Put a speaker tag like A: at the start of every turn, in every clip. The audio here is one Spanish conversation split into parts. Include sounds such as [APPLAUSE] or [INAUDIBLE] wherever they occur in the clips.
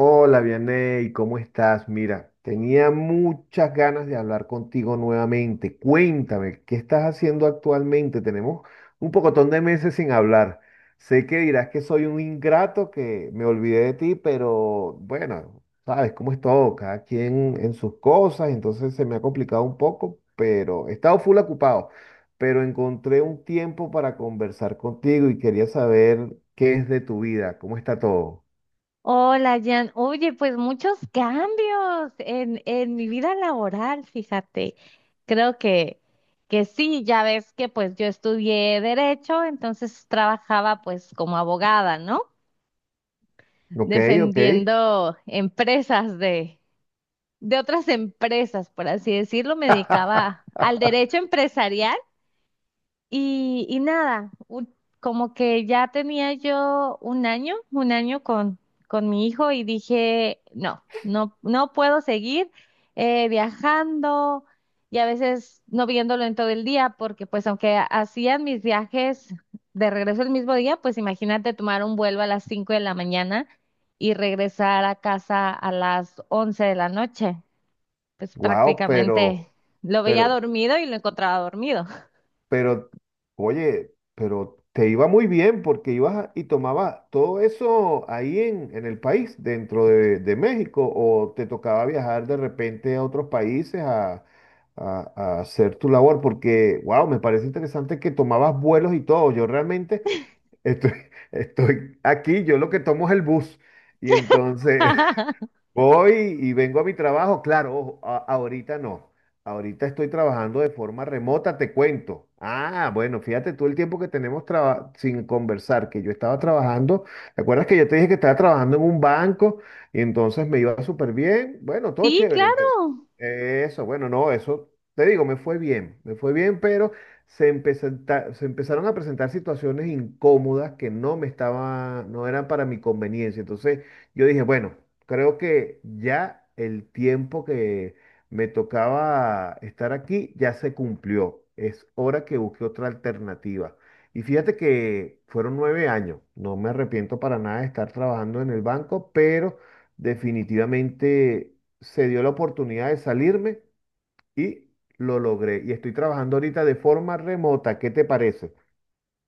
A: Hola, Vianey, ¿cómo estás? Mira, tenía muchas ganas de hablar contigo nuevamente. Cuéntame, ¿qué estás haciendo actualmente? Tenemos un pocotón de meses sin hablar. Sé que dirás que soy un ingrato, que me olvidé de ti, pero bueno, sabes cómo es todo, cada quien en sus cosas, entonces se me ha complicado un poco, pero he estado full ocupado, pero encontré un tiempo para conversar contigo y quería saber qué es de tu vida, cómo está todo.
B: Hola, Jan. Oye, pues muchos cambios en mi vida laboral, fíjate. Creo que, que sí, ya ves que pues yo estudié derecho, entonces trabajaba pues como abogada, ¿no?
A: Ok, ok.
B: Defendiendo empresas de otras empresas, por así decirlo. Me dedicaba
A: [LAUGHS]
B: al derecho empresarial y nada, como que ya tenía yo un año con mi hijo y dije, no, no, no puedo seguir viajando y a veces no viéndolo en todo el día, porque pues aunque hacían mis viajes de regreso el mismo día, pues imagínate tomar un vuelo a las 5 de la mañana y regresar a casa a las 11 de la noche. Pues
A: Wow,
B: prácticamente lo veía
A: pero,
B: dormido y lo encontraba dormido.
A: pero oye, pero te iba muy bien porque ibas a- y tomabas todo eso ahí en el país, dentro de México, o te tocaba viajar de repente a otros países a, a hacer tu labor, porque, wow, me parece interesante que tomabas vuelos y todo. Yo realmente estoy, [LAUGHS] estoy aquí, yo lo que tomo es el bus. Y entonces,
B: [LAUGHS]
A: voy y vengo a mi trabajo, claro, ojo, ahorita no. Ahorita estoy trabajando de forma remota, te cuento. Ah, bueno, fíjate tú el tiempo que tenemos sin conversar, que yo estaba trabajando. ¿Te acuerdas que yo te dije que estaba trabajando en un banco y entonces me iba súper bien? Bueno, todo
B: Sí,
A: chévere.
B: claro.
A: Eso, bueno, no, eso te digo, me fue bien, pero se empezaron a presentar situaciones incómodas que no me estaba, no eran para mi conveniencia. Entonces, yo dije, bueno, creo que ya el tiempo que me tocaba estar aquí ya se cumplió. Es hora que busque otra alternativa. Y fíjate que fueron 9 años. No me arrepiento para nada de estar trabajando en el banco, pero definitivamente se dio la oportunidad de salirme y lo logré. Y estoy trabajando ahorita de forma remota. ¿Qué te parece?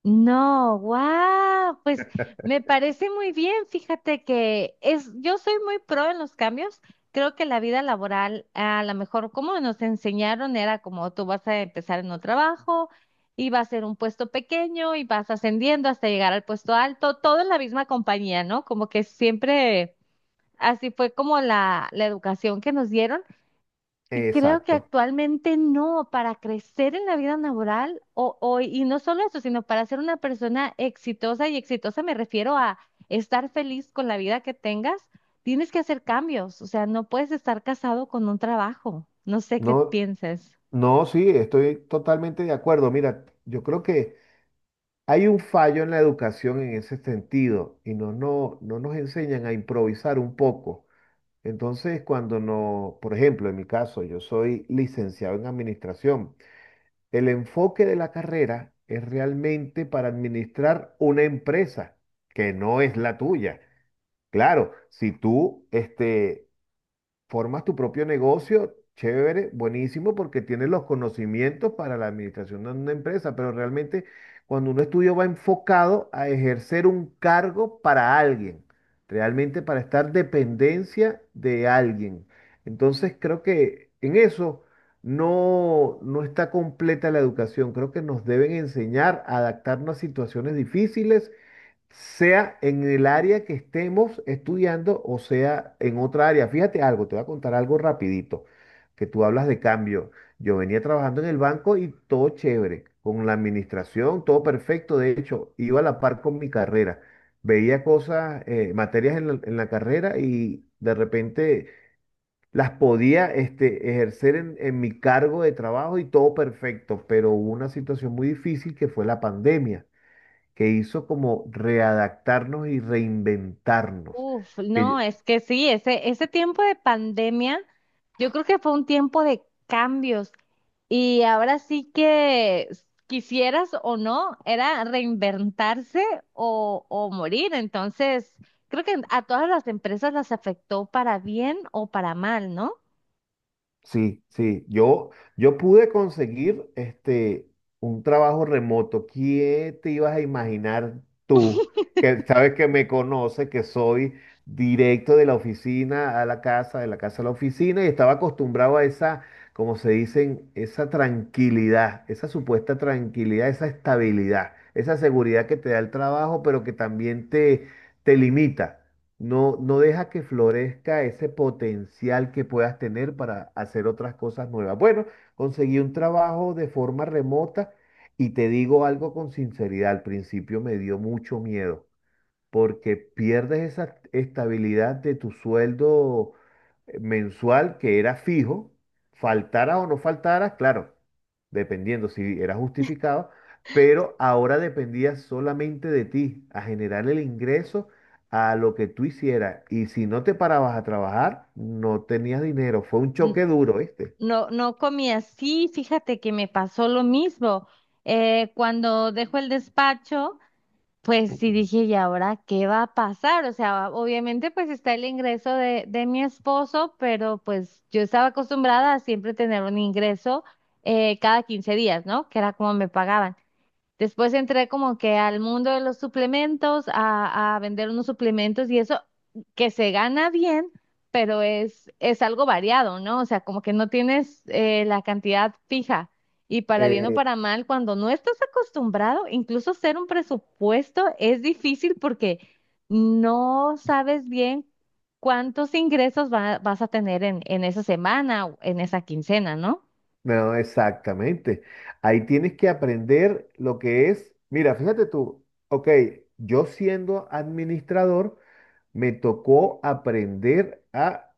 B: No, wow, pues me parece muy bien. Fíjate que es, yo soy muy pro en los cambios. Creo que la vida laboral, a lo mejor como nos enseñaron, era como tú vas a empezar en un trabajo y va a ser un puesto pequeño y vas ascendiendo hasta llegar al puesto alto, todo en la misma compañía, ¿no? Como que siempre así fue como la educación que nos dieron. Y creo que
A: Exacto.
B: actualmente no, para crecer en la vida laboral, y no solo eso, sino para ser una persona exitosa, y exitosa me refiero a estar feliz con la vida que tengas, tienes que hacer cambios, o sea, no puedes estar casado con un trabajo. No sé qué
A: No,
B: pienses.
A: no, sí, estoy totalmente de acuerdo. Mira, yo creo que... Hay un fallo en la educación en ese sentido y no, no nos enseñan a improvisar un poco. Entonces, cuando no, por ejemplo, en mi caso, yo soy licenciado en administración. El enfoque de la carrera es realmente para administrar una empresa que no es la tuya. Claro, si tú este, formas tu propio negocio, chévere, buenísimo, porque tienes los conocimientos para la administración de una empresa, pero realmente cuando uno estudia va enfocado a ejercer un cargo para alguien, realmente para estar dependencia de alguien. Entonces creo que en eso no, no está completa la educación, creo que nos deben enseñar a adaptarnos a situaciones difíciles sea en el área que estemos estudiando o sea en otra área. Fíjate algo, te voy a contar algo rapidito, que tú hablas de cambio. Yo venía trabajando en el banco y todo chévere, con la administración, todo perfecto. De hecho, iba a la par con mi carrera. Veía cosas, materias en la carrera y de repente las podía este, ejercer en mi cargo de trabajo y todo perfecto, pero hubo una situación muy difícil que fue la pandemia que hizo como readaptarnos y reinventarnos.
B: Uf,
A: Que yo-
B: no, es que sí, ese tiempo de pandemia, yo creo que fue un tiempo de cambios. Y ahora sí que quisieras o no, era reinventarse o morir. Entonces, creo que a todas las empresas las afectó para bien o para mal, ¿no?
A: sí, sí, yo pude conseguir este, un trabajo remoto. ¿Qué te ibas a imaginar tú, que sabes que me conoces, que soy directo de la oficina a la casa, de la casa a la oficina, y estaba acostumbrado a esa, como se dicen, esa tranquilidad, esa supuesta tranquilidad, esa estabilidad, esa seguridad que te da el trabajo, pero que también te limita. No, no deja que florezca ese potencial que puedas tener para hacer otras cosas nuevas. Bueno, conseguí un trabajo de forma remota y te digo algo con sinceridad, al principio me dio mucho miedo porque pierdes esa estabilidad de tu sueldo mensual que era fijo, faltara o no faltara, claro, dependiendo si era justificado, pero ahora dependía solamente de ti, a generar el ingreso a lo que tú hicieras. Y si no te parabas a trabajar, no tenías dinero. Fue un
B: N-
A: choque duro, ¿viste?
B: No, no comía así. Fíjate que me pasó lo mismo. Cuando dejo el despacho. Pues sí dije, ¿y ahora qué va a pasar? O sea, obviamente pues está el ingreso de mi esposo, pero pues yo estaba acostumbrada a siempre tener un ingreso cada 15 días, ¿no? Que era como me pagaban. Después entré como que al mundo de los suplementos, a vender unos suplementos y eso que se gana bien, pero es algo variado, ¿no? O sea, como que no tienes la cantidad fija. Y para bien o para mal, cuando no estás acostumbrado, incluso hacer un presupuesto es difícil porque no sabes bien cuántos ingresos vas a tener en esa semana o en esa quincena, ¿no?
A: No, exactamente. Ahí tienes que aprender lo que es. Mira, fíjate tú, ok, yo siendo administrador, me tocó aprender a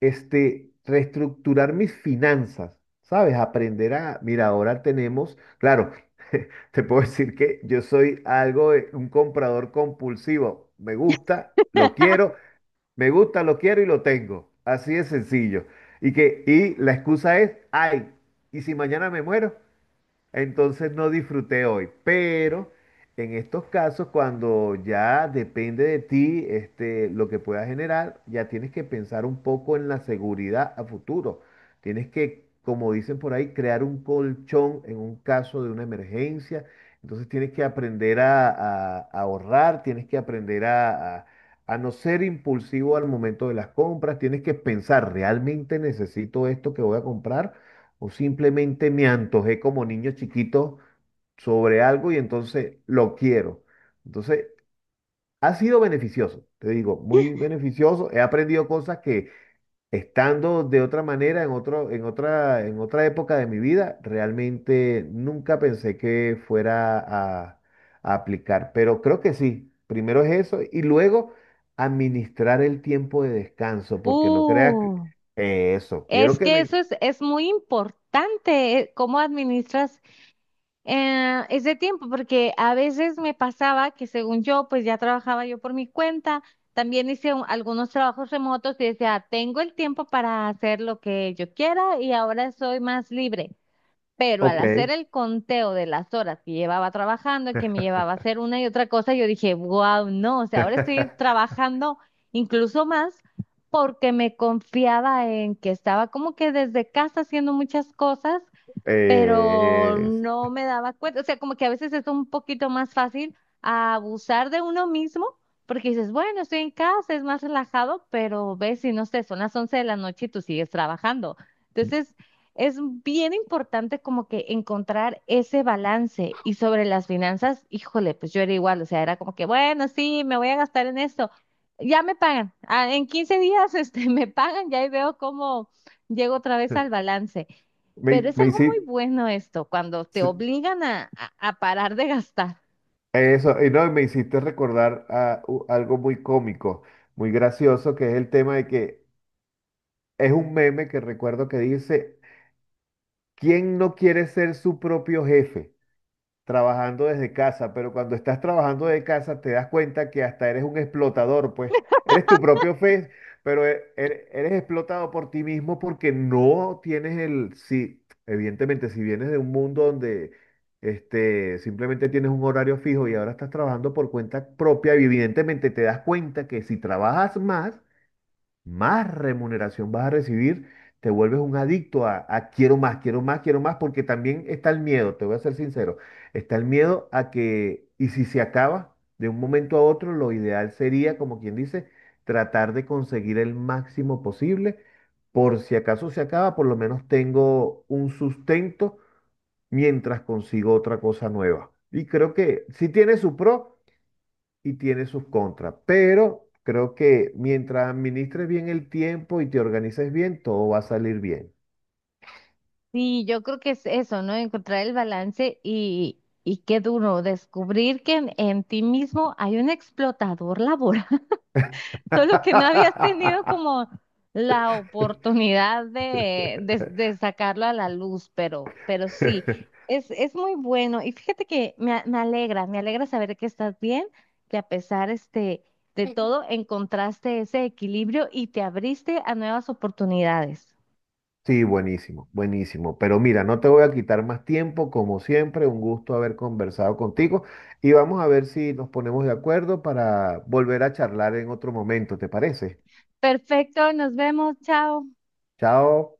A: este, reestructurar mis finanzas, ¿sabes? Aprender a, mira, ahora tenemos, claro, [LAUGHS] te puedo decir que yo soy algo de un comprador compulsivo. Me gusta, lo quiero,
B: [LAUGHS]
A: me gusta, lo quiero y lo tengo. Así de sencillo. Y que, y la excusa es, ay, ¿y si mañana me muero? Entonces no disfruté hoy, pero en estos casos, cuando ya depende de ti, este, lo que puedas generar, ya tienes que pensar un poco en la seguridad a futuro. Tienes que, como dicen por ahí, crear un colchón en un caso de una emergencia. Entonces tienes que aprender a, a ahorrar, tienes que aprender a no ser impulsivo al momento de las compras, tienes que pensar, ¿realmente necesito esto que voy a comprar? O simplemente me antojé como niño chiquito sobre algo y entonces lo quiero. Entonces, ha sido beneficioso, te digo, muy beneficioso. He aprendido cosas que estando de otra manera, en otro, en otra época de mi vida, realmente nunca pensé que fuera a aplicar. Pero creo que sí. Primero es eso y luego administrar el tiempo de descanso, porque no creas
B: Uh.
A: que eso, quiero
B: Es
A: que
B: que eso
A: me...
B: es muy importante, cómo administras ese tiempo, porque a veces me pasaba que según yo, pues ya trabajaba yo por mi cuenta, también hice algunos trabajos remotos y decía, tengo el tiempo para hacer lo que yo quiera y ahora soy más libre. Pero al hacer
A: Ok.
B: el conteo de las horas que llevaba trabajando, y que me llevaba a hacer una y otra cosa, yo dije, wow, no, o sea, ahora estoy
A: [LAUGHS]
B: trabajando incluso más porque me confiaba en que estaba como que desde casa haciendo muchas cosas pero
A: Eh, es-
B: no me daba cuenta, o sea, como que a veces es un poquito más fácil abusar de uno mismo, porque dices, bueno, estoy en casa, es más relajado, pero ves si no sé, son las 11 de la noche y tú sigues trabajando. Entonces, es bien importante como que encontrar ese balance. Y sobre las finanzas, híjole, pues yo era igual, o sea, era como que, bueno, sí, me voy a gastar en esto. Ya me pagan. Ah, en 15 días, este, [LAUGHS] me pagan, ya ahí veo cómo llego otra vez al
A: [LAUGHS]
B: balance.
A: me,
B: Pero es
A: me
B: algo muy
A: hici-
B: bueno esto, cuando te
A: s-
B: obligan a parar de gastar.
A: eso, y no, me hiciste recordar a, algo muy cómico, muy gracioso, que es el tema de que es un meme que recuerdo que dice, ¿quién no quiere ser su propio jefe? Trabajando desde casa, pero cuando estás trabajando de casa te das cuenta que hasta eres un explotador, pues eres tu propio fe, pero eres explotado por ti mismo porque no tienes el, si, evidentemente, si vienes de un mundo donde este, simplemente tienes un horario fijo y ahora estás trabajando por cuenta propia, evidentemente te das cuenta que si trabajas más, más remuneración vas a recibir, te vuelves un adicto a quiero más, quiero más, quiero más, porque también está el miedo, te voy a ser sincero, está el miedo a que, y si se acaba de un momento a otro, lo ideal sería, como quien dice, tratar de conseguir el máximo posible, por si acaso se acaba, por lo menos tengo un sustento mientras consigo otra cosa nueva. Y creo que si tiene su pro y tiene sus contras, pero creo que mientras administres bien el tiempo y te organices bien, todo va a salir bien.
B: Sí, yo creo que es eso, ¿no? Encontrar el balance y qué duro, descubrir que en ti mismo hay un explotador laboral. Solo que no habías tenido
A: [LAUGHS]
B: como la oportunidad de sacarlo a la luz, pero sí, es muy bueno. Y fíjate que me, me alegra saber que estás bien, que a pesar este, de todo encontraste ese equilibrio y te abriste a nuevas oportunidades.
A: Sí, buenísimo, buenísimo. Pero mira, no te voy a quitar más tiempo, como siempre, un gusto haber conversado contigo y vamos a ver si nos ponemos de acuerdo para volver a charlar en otro momento, ¿te parece?
B: Perfecto, nos vemos, chao.
A: Chao.